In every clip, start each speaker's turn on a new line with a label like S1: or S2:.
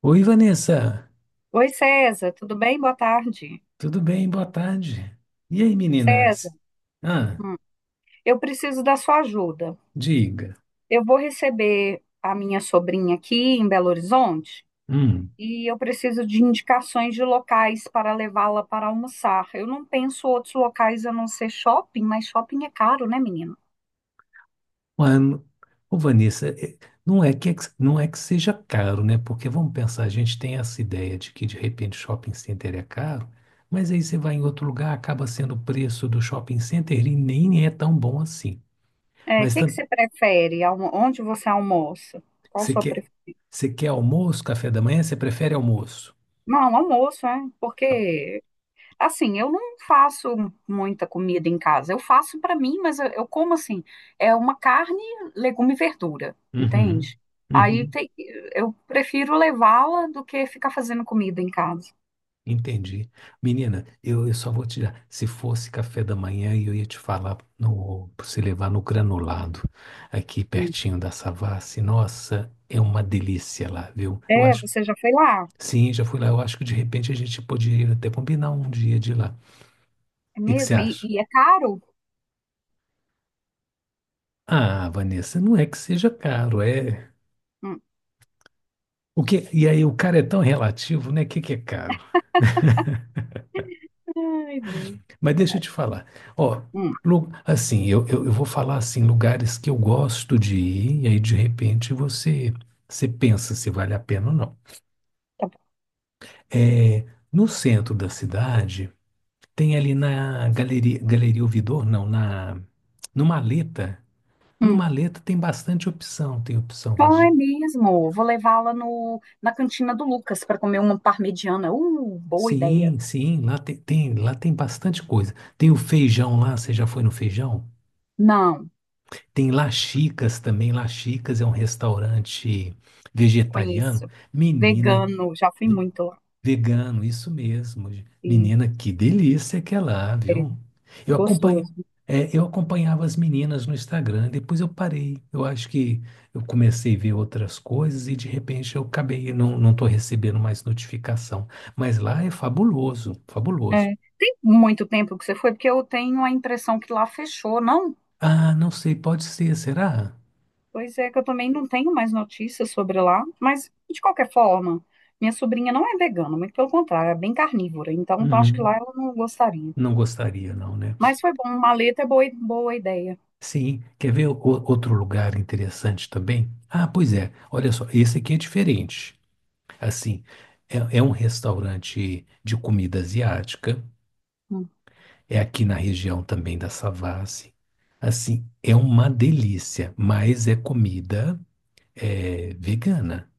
S1: Oi, Vanessa,
S2: Oi, César, tudo bem? Boa tarde.
S1: tudo bem? Boa tarde. E aí,
S2: César,
S1: meninas? Ah,
S2: hum, eu preciso da sua ajuda.
S1: diga.
S2: Eu vou receber a minha sobrinha aqui em Belo Horizonte
S1: Hum,
S2: e eu preciso de indicações de locais para levá-la para almoçar. Eu não penso outros locais a não ser shopping, mas shopping é caro, né, menino?
S1: ué, n- Vanessa, não é que, é que- não é que seja caro, né? Porque vamos pensar, a gente tem essa ideia de que de repente shopping center é caro, mas aí você vai em outro lugar, acaba sendo o preço do shopping center e nem é tão bom assim.
S2: É, o
S1: Mas
S2: que que
S1: tam-
S2: você prefere? Onde você almoça? Qual a
S1: você
S2: sua
S1: quer,
S2: preferência?
S1: você quer almoço, café da manhã? Você prefere almoço?
S2: Não, almoço, é, porque assim, eu não faço muita comida em casa. Eu faço para mim, mas eu como assim, é uma carne, legume e verdura,
S1: Uhum,
S2: entende? Aí
S1: uhum.
S2: tem- eu prefiro levá-la do que ficar fazendo comida em casa.
S1: Entendi. Menina, eu só vou te dar. Se fosse café da manhã, eu ia te falar no, pra você levar no granulado, aqui
S2: Hum.
S1: pertinho da Savassi. Nossa, é uma delícia lá, viu? Eu
S2: É,
S1: acho.
S2: você já foi lá?
S1: Sim, já fui lá. Eu acho que de repente a gente poderia até combinar um dia de ir lá. O
S2: É
S1: que que você
S2: mesmo? E,
S1: acha?
S2: e é caro?
S1: Ah, Vanessa, não é que seja caro, é.
S2: Hum.
S1: E aí, o cara é tão relativo, né? O que que é caro?
S2: Ai, Deus.
S1: Mas deixa eu
S2: Vai.
S1: te falar. Ó,
S2: Hum,
S1: assim, eu vou falar assim, lugares que eu gosto de ir, e aí de repente você pensa se vale a pena ou não.
S2: tá bom.
S1: É, no centro da cidade, tem ali na Galeria, Galeria Ouvidor, não, na, no Maleta. No
S2: Hum.
S1: Maleta tem bastante opção, tem opção
S2: Ah, é
S1: vagi-
S2: mesmo. Vou levá-la no, na cantina do Lucas para comer uma parmegiana. Boa ideia.
S1: Sim, sim, lá tem bastante coisa. Tem o feijão lá, você já foi no feijão?
S2: Não,
S1: Tem Laxicas também. Laxicas é um restaurante vegetariano.
S2: conheço.
S1: Menina,
S2: Vegano, já fui
S1: ve-
S2: muito lá.
S1: vegano, isso mesmo. Menina, que delícia que é lá, viu? Eu acompanho,
S2: Gostoso.
S1: é, eu acompanhava as meninas no Instagram, depois eu parei. Eu acho que eu comecei a ver outras coisas e de repente eu acabei, não estou recebendo mais notificação. Mas lá é fabuloso, fabuloso.
S2: É. Tem muito tempo que você foi, porque eu tenho a impressão que lá fechou, não?
S1: Ah, não sei, pode ser, será?
S2: Pois é, que eu também não tenho mais notícias sobre lá, mas de qualquer forma, minha sobrinha não é vegana, muito pelo contrário, é bem carnívora, então, acho que lá
S1: Uhum.
S2: ela não gostaria.
S1: Não gostaria, não, né?
S2: Mas foi bom, maleta é boa, boa ideia.
S1: Sim, outro lugar interessante também? Ah, pois é, olha só, esse aqui é diferente. Assim, é um restaurante de comida asiática,
S2: Hum.
S1: é aqui na região também da Savassi. Assim, é uma delícia, mas é comida é, vegana.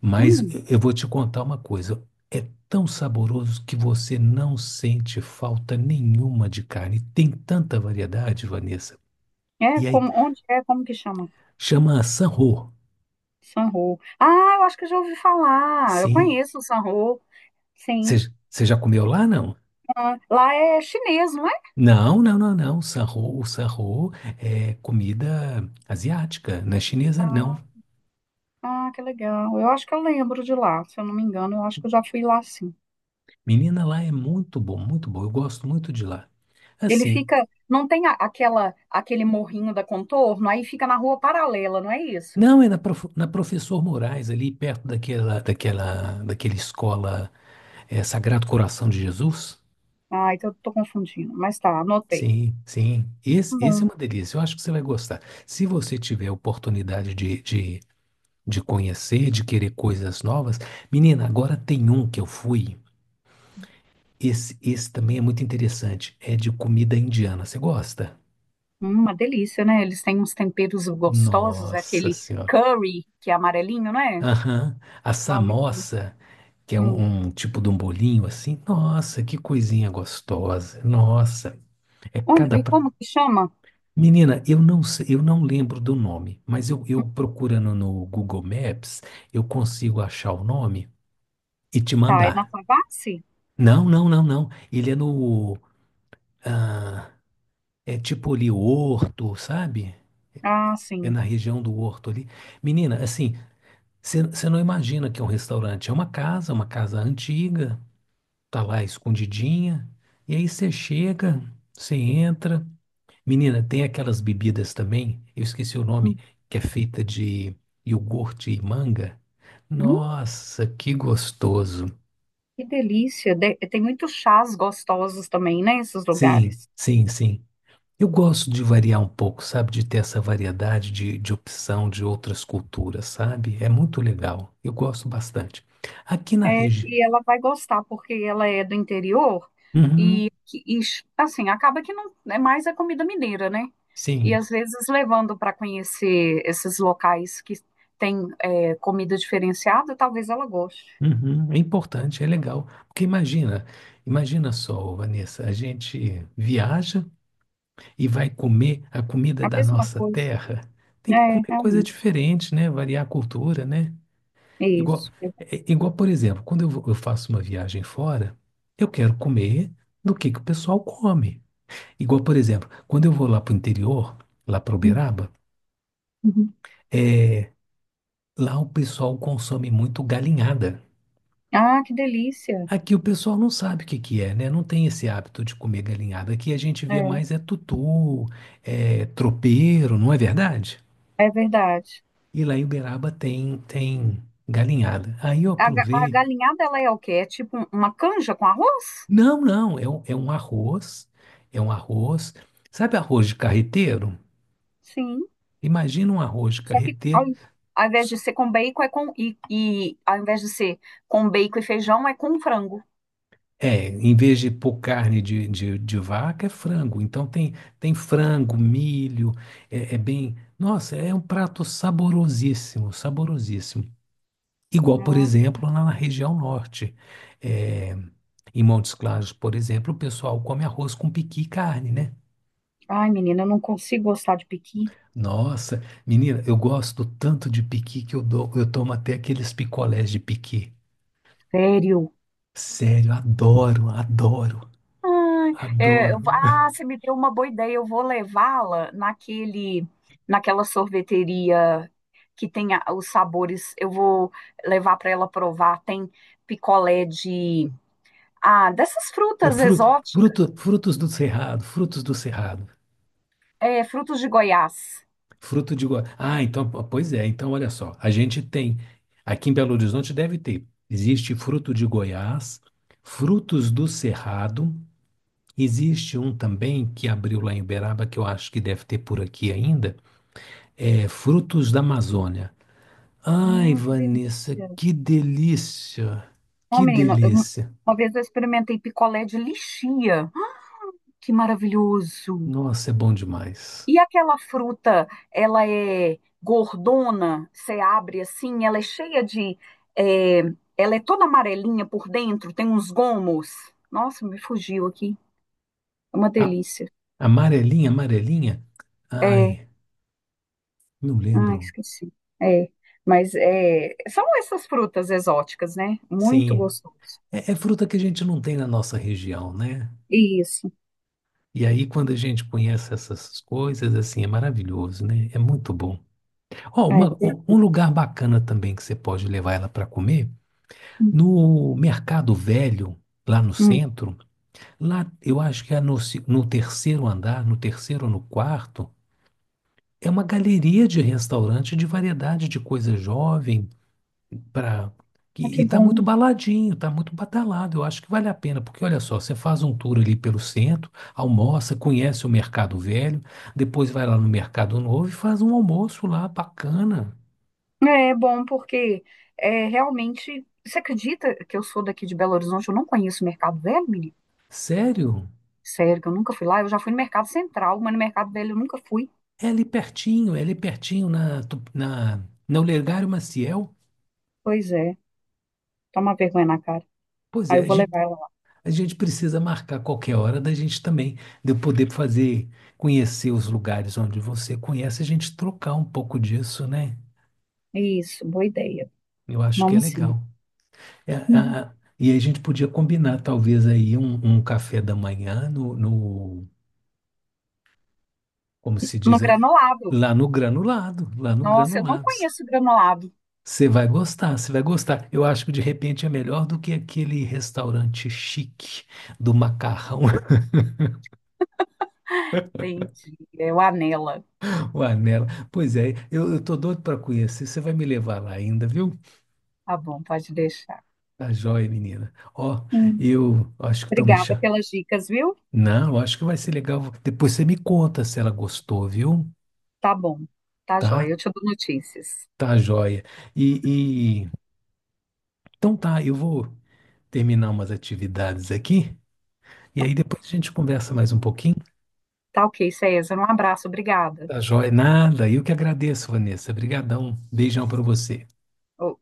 S1: Mas
S2: Hum.
S1: eu vou te contar uma coisa, é tão saboroso que você não sente falta nenhuma de carne. Tem tanta variedade, Vanessa.
S2: É,
S1: E aí,
S2: como, onde é, como que chama?
S1: chama Sanho.
S2: Sanho. Ah, eu acho que eu já ouvi falar, eu
S1: Sim,
S2: conheço o Sanho, sim.
S1: Você já comeu lá, não?
S2: Ah, lá é chinês, não é?
S1: Não. Sarro, o sarro é comida asiática, não é chinesa, não.
S2: Ah. Ah, que legal. Eu acho que eu lembro de lá, se eu não me engano, eu acho que eu já fui lá sim.
S1: Menina, lá é muito bom, muito bom. Eu gosto muito de lá.
S2: Ele
S1: Assim,
S2: fica, não tem a- aquela aquele morrinho da Contorno, aí fica na rua paralela, não é isso?
S1: não, é na, na Professor Moraes, ali perto daquela escola é, Sagrado Coração de Jesus.
S2: Ah, então eu tô confundindo, mas tá, anotei.
S1: Sim, sim. Esse
S2: Bom,
S1: é uma delícia. Eu acho que você vai gostar. Se você tiver a oportunidade de conhecer, de querer coisas novas, menina, agora tem um que eu fui. Esse também é muito interessante. É de comida indiana. Você gosta?
S2: uma delícia, né? Eles têm uns temperos gostosos,
S1: Nossa
S2: aquele
S1: Senhora.
S2: curry que é amarelinho, não é?
S1: Aham. A
S2: Não, muito bom.
S1: samosa, que é
S2: Hum.
S1: um, um tipo de um bolinho assim. Nossa, que coisinha gostosa. Nossa. É
S2: Onde,
S1: cada.
S2: e
S1: pra-
S2: como que chama?
S1: Menina, eu não sei, eu não lembro do nome, mas eu procurando no Google Maps, eu consigo achar o nome e te
S2: Tá, é na
S1: mandar.
S2: Favassi?
S1: Não. Ele é no. ah, é tipo ali, Horto, sabe?
S2: Ah,
S1: É
S2: sim.
S1: na região do Horto ali. Menina, assim, você não imagina que é um restaurante. É uma casa antiga, tá lá escondidinha. E aí você chega, você entra. Menina, tem aquelas bebidas também, eu esqueci o
S2: Hum,
S1: nome, que é feita de iogurte e manga.
S2: hum,
S1: Nossa, que gostoso.
S2: que delícia. Tem muitos chás gostosos também, né, esses
S1: Sim,
S2: lugares.
S1: sim, sim. Eu gosto de variar um pouco, sabe? De ter essa variedade de opção de outras culturas, sabe? É muito legal. Eu gosto bastante. Aqui na
S2: É,
S1: região.
S2: e ela vai gostar, porque ela é do interior e,
S1: Uhum,
S2: e, assim, acaba que não é mais a comida mineira, né? E
S1: sim.
S2: às vezes levando para conhecer esses locais que tem é, comida diferenciada, talvez ela goste.
S1: Uhum, é importante, é legal. Porque imagina, imagina só, Vanessa, a gente viaja e vai comer a comida
S2: A
S1: da
S2: mesma
S1: nossa
S2: coisa.
S1: terra. Tem que
S2: É,
S1: comer coisa
S2: realmente.
S1: diferente, né? Variar a cultura, né?
S2: É
S1: Igual,
S2: isso. É.
S1: é, igual, por exemplo, eu faço uma viagem fora, eu quero comer do que o pessoal come. Igual, por exemplo, quando eu vou lá para o interior, lá para
S2: Hum.
S1: Uberaba,
S2: Uhum.
S1: é, lá o pessoal consome muito galinhada.
S2: Ah, que delícia.
S1: Aqui o pessoal não sabe o que que é, né? Não tem esse hábito de comer galinhada. Aqui a gente vê
S2: É,
S1: mais é tutu, é tropeiro, não é verdade?
S2: é verdade.
S1: E lá em Uberaba tem, tem galinhada. Aí eu
S2: A
S1: provei.
S2: galinhada, ela é o quê? É tipo uma canja com arroz?
S1: Não, é um arroz, é um arroz. Sabe arroz de carreteiro?
S2: Sim.
S1: Imagina um arroz de
S2: Só que ao,
S1: carreteiro
S2: ao invés de ser com bacon, é com. E ao invés de ser com bacon e feijão, é com frango.
S1: É, em vez de pôr carne de vaca, é frango. Então tem, tem frango, milho, é, é bem. Nossa, é um prato saborosíssimo, saborosíssimo. Igual, por
S2: Ai,
S1: exemplo, lá na região norte. É, em Montes Claros, por exemplo, o pessoal come arroz com piqui e carne, né?
S2: ai, menina, eu não consigo gostar de pequi.
S1: Nossa, menina, eu gosto tanto de piqui que eu dou, eu tomo até aqueles picolés de piqui.
S2: Sério.
S1: Sério, adoro, adoro,
S2: Ai, é,
S1: adoro.
S2: eu ah, você me deu uma boa ideia. Eu vou levá-la naquele, naquela sorveteria que os sabores. Eu vou levar para ela provar. Tem picolé de. Ah, dessas
S1: Eu
S2: frutas
S1: fruto,
S2: exóticas.
S1: frutos do cerrado,
S2: É, frutos de Goiás.
S1: Ah, então, pois é. Então, olha só, a gente tem aqui em Belo Horizonte deve ter. Existe fruto de Goiás, frutos do cerrado. Existe um também que abriu lá em Uberaba que eu acho que deve ter por aqui ainda. É frutos da Amazônia. Ai,
S2: Que
S1: Vanessa,
S2: delícia.
S1: que delícia!
S2: Ó,
S1: Que
S2: menina,
S1: delícia!
S2: uma vez eu experimentei picolé de lichia. Que maravilhoso!
S1: Nossa, é bom demais.
S2: E aquela fruta, ela é gordona, você abre assim, ela é cheia de. É, ela é toda amarelinha por dentro, tem uns gomos. Nossa, me fugiu aqui. É uma
S1: A-
S2: delícia.
S1: amarelinha, amarelinha.
S2: É.
S1: Ai. Não
S2: Ah,
S1: lembro.
S2: esqueci. É. Mas é, são essas frutas exóticas, né? Muito
S1: Sim,
S2: gostoso.
S1: é, é fruta que a gente não tem na nossa região, né?
S2: Isso.
S1: E aí, quando a gente conhece essas coisas, assim, é maravilhoso, né? É muito bom. Ó,
S2: É. É.
S1: um lugar bacana também que você pode levar ela para comer,
S2: Hum,
S1: no Mercado Velho, lá no
S2: hum.
S1: centro, lá eu acho que é no terceiro andar, no terceiro ou no quarto, é uma galeria de restaurante de variedade de coisa jovem, Pra...
S2: Ah,
S1: E,
S2: que
S1: e tá muito
S2: bom.
S1: baladinho, tá muito badalado. Eu acho que vale a pena, porque olha só, você faz um tour ali pelo centro, almoça, conhece o Mercado Velho, depois vai lá no Mercado Novo e faz um almoço lá bacana.
S2: É bom porque é, realmente. Você acredita que eu sou daqui de Belo Horizonte? Eu não conheço o Mercado Velho, menino?
S1: Sério?
S2: Sério, que eu nunca fui lá. Eu já fui no Mercado Central, mas no Mercado Velho eu nunca fui.
S1: É ali pertinho na Olegário Maciel.
S2: Pois é, toma vergonha na cara.
S1: Pois
S2: Aí
S1: é,
S2: eu vou levar ela lá.
S1: a gente precisa marcar qualquer hora da gente também, de eu poder fazer, conhecer os lugares onde você conhece, a gente trocar um pouco disso, né?
S2: Isso, boa ideia.
S1: Eu acho que é
S2: Vamos sim.
S1: legal. É,
S2: Uhum.
S1: a- e a gente podia combinar, talvez, aí um café da manhã como se
S2: No
S1: diz, é,
S2: Granolado.
S1: lá no granulado, lá no
S2: Nossa, eu não
S1: granulados.
S2: conheço o Granolado.
S1: Você vai gostar, você vai gostar. Eu acho que de repente é melhor do que aquele restaurante chique do macarrão,
S2: Entendi. É o Anela.
S1: o Anela. Pois é, eu tô doido para conhecer. Você vai me levar lá ainda, viu?
S2: Tá bom, pode deixar.
S1: Tá joia, menina. Ó,
S2: Hum.
S1: eu acho que estão me
S2: Obrigada
S1: chamando.
S2: pelas dicas, viu?
S1: Não, eu acho que vai ser legal. Depois você me conta se ela gostou, viu?
S2: Tá bom. Tá joia.
S1: Tá?
S2: Eu te dou notícias.
S1: Tá joia. E, e- então tá, eu vou terminar umas atividades aqui e
S2: Tá,
S1: aí depois a gente conversa mais um pouquinho.
S2: tá ok, César. Um abraço. Obrigada.
S1: Tá joia? Nada. Eu que agradeço, Vanessa. Obrigadão. Beijão para você.
S2: Oh.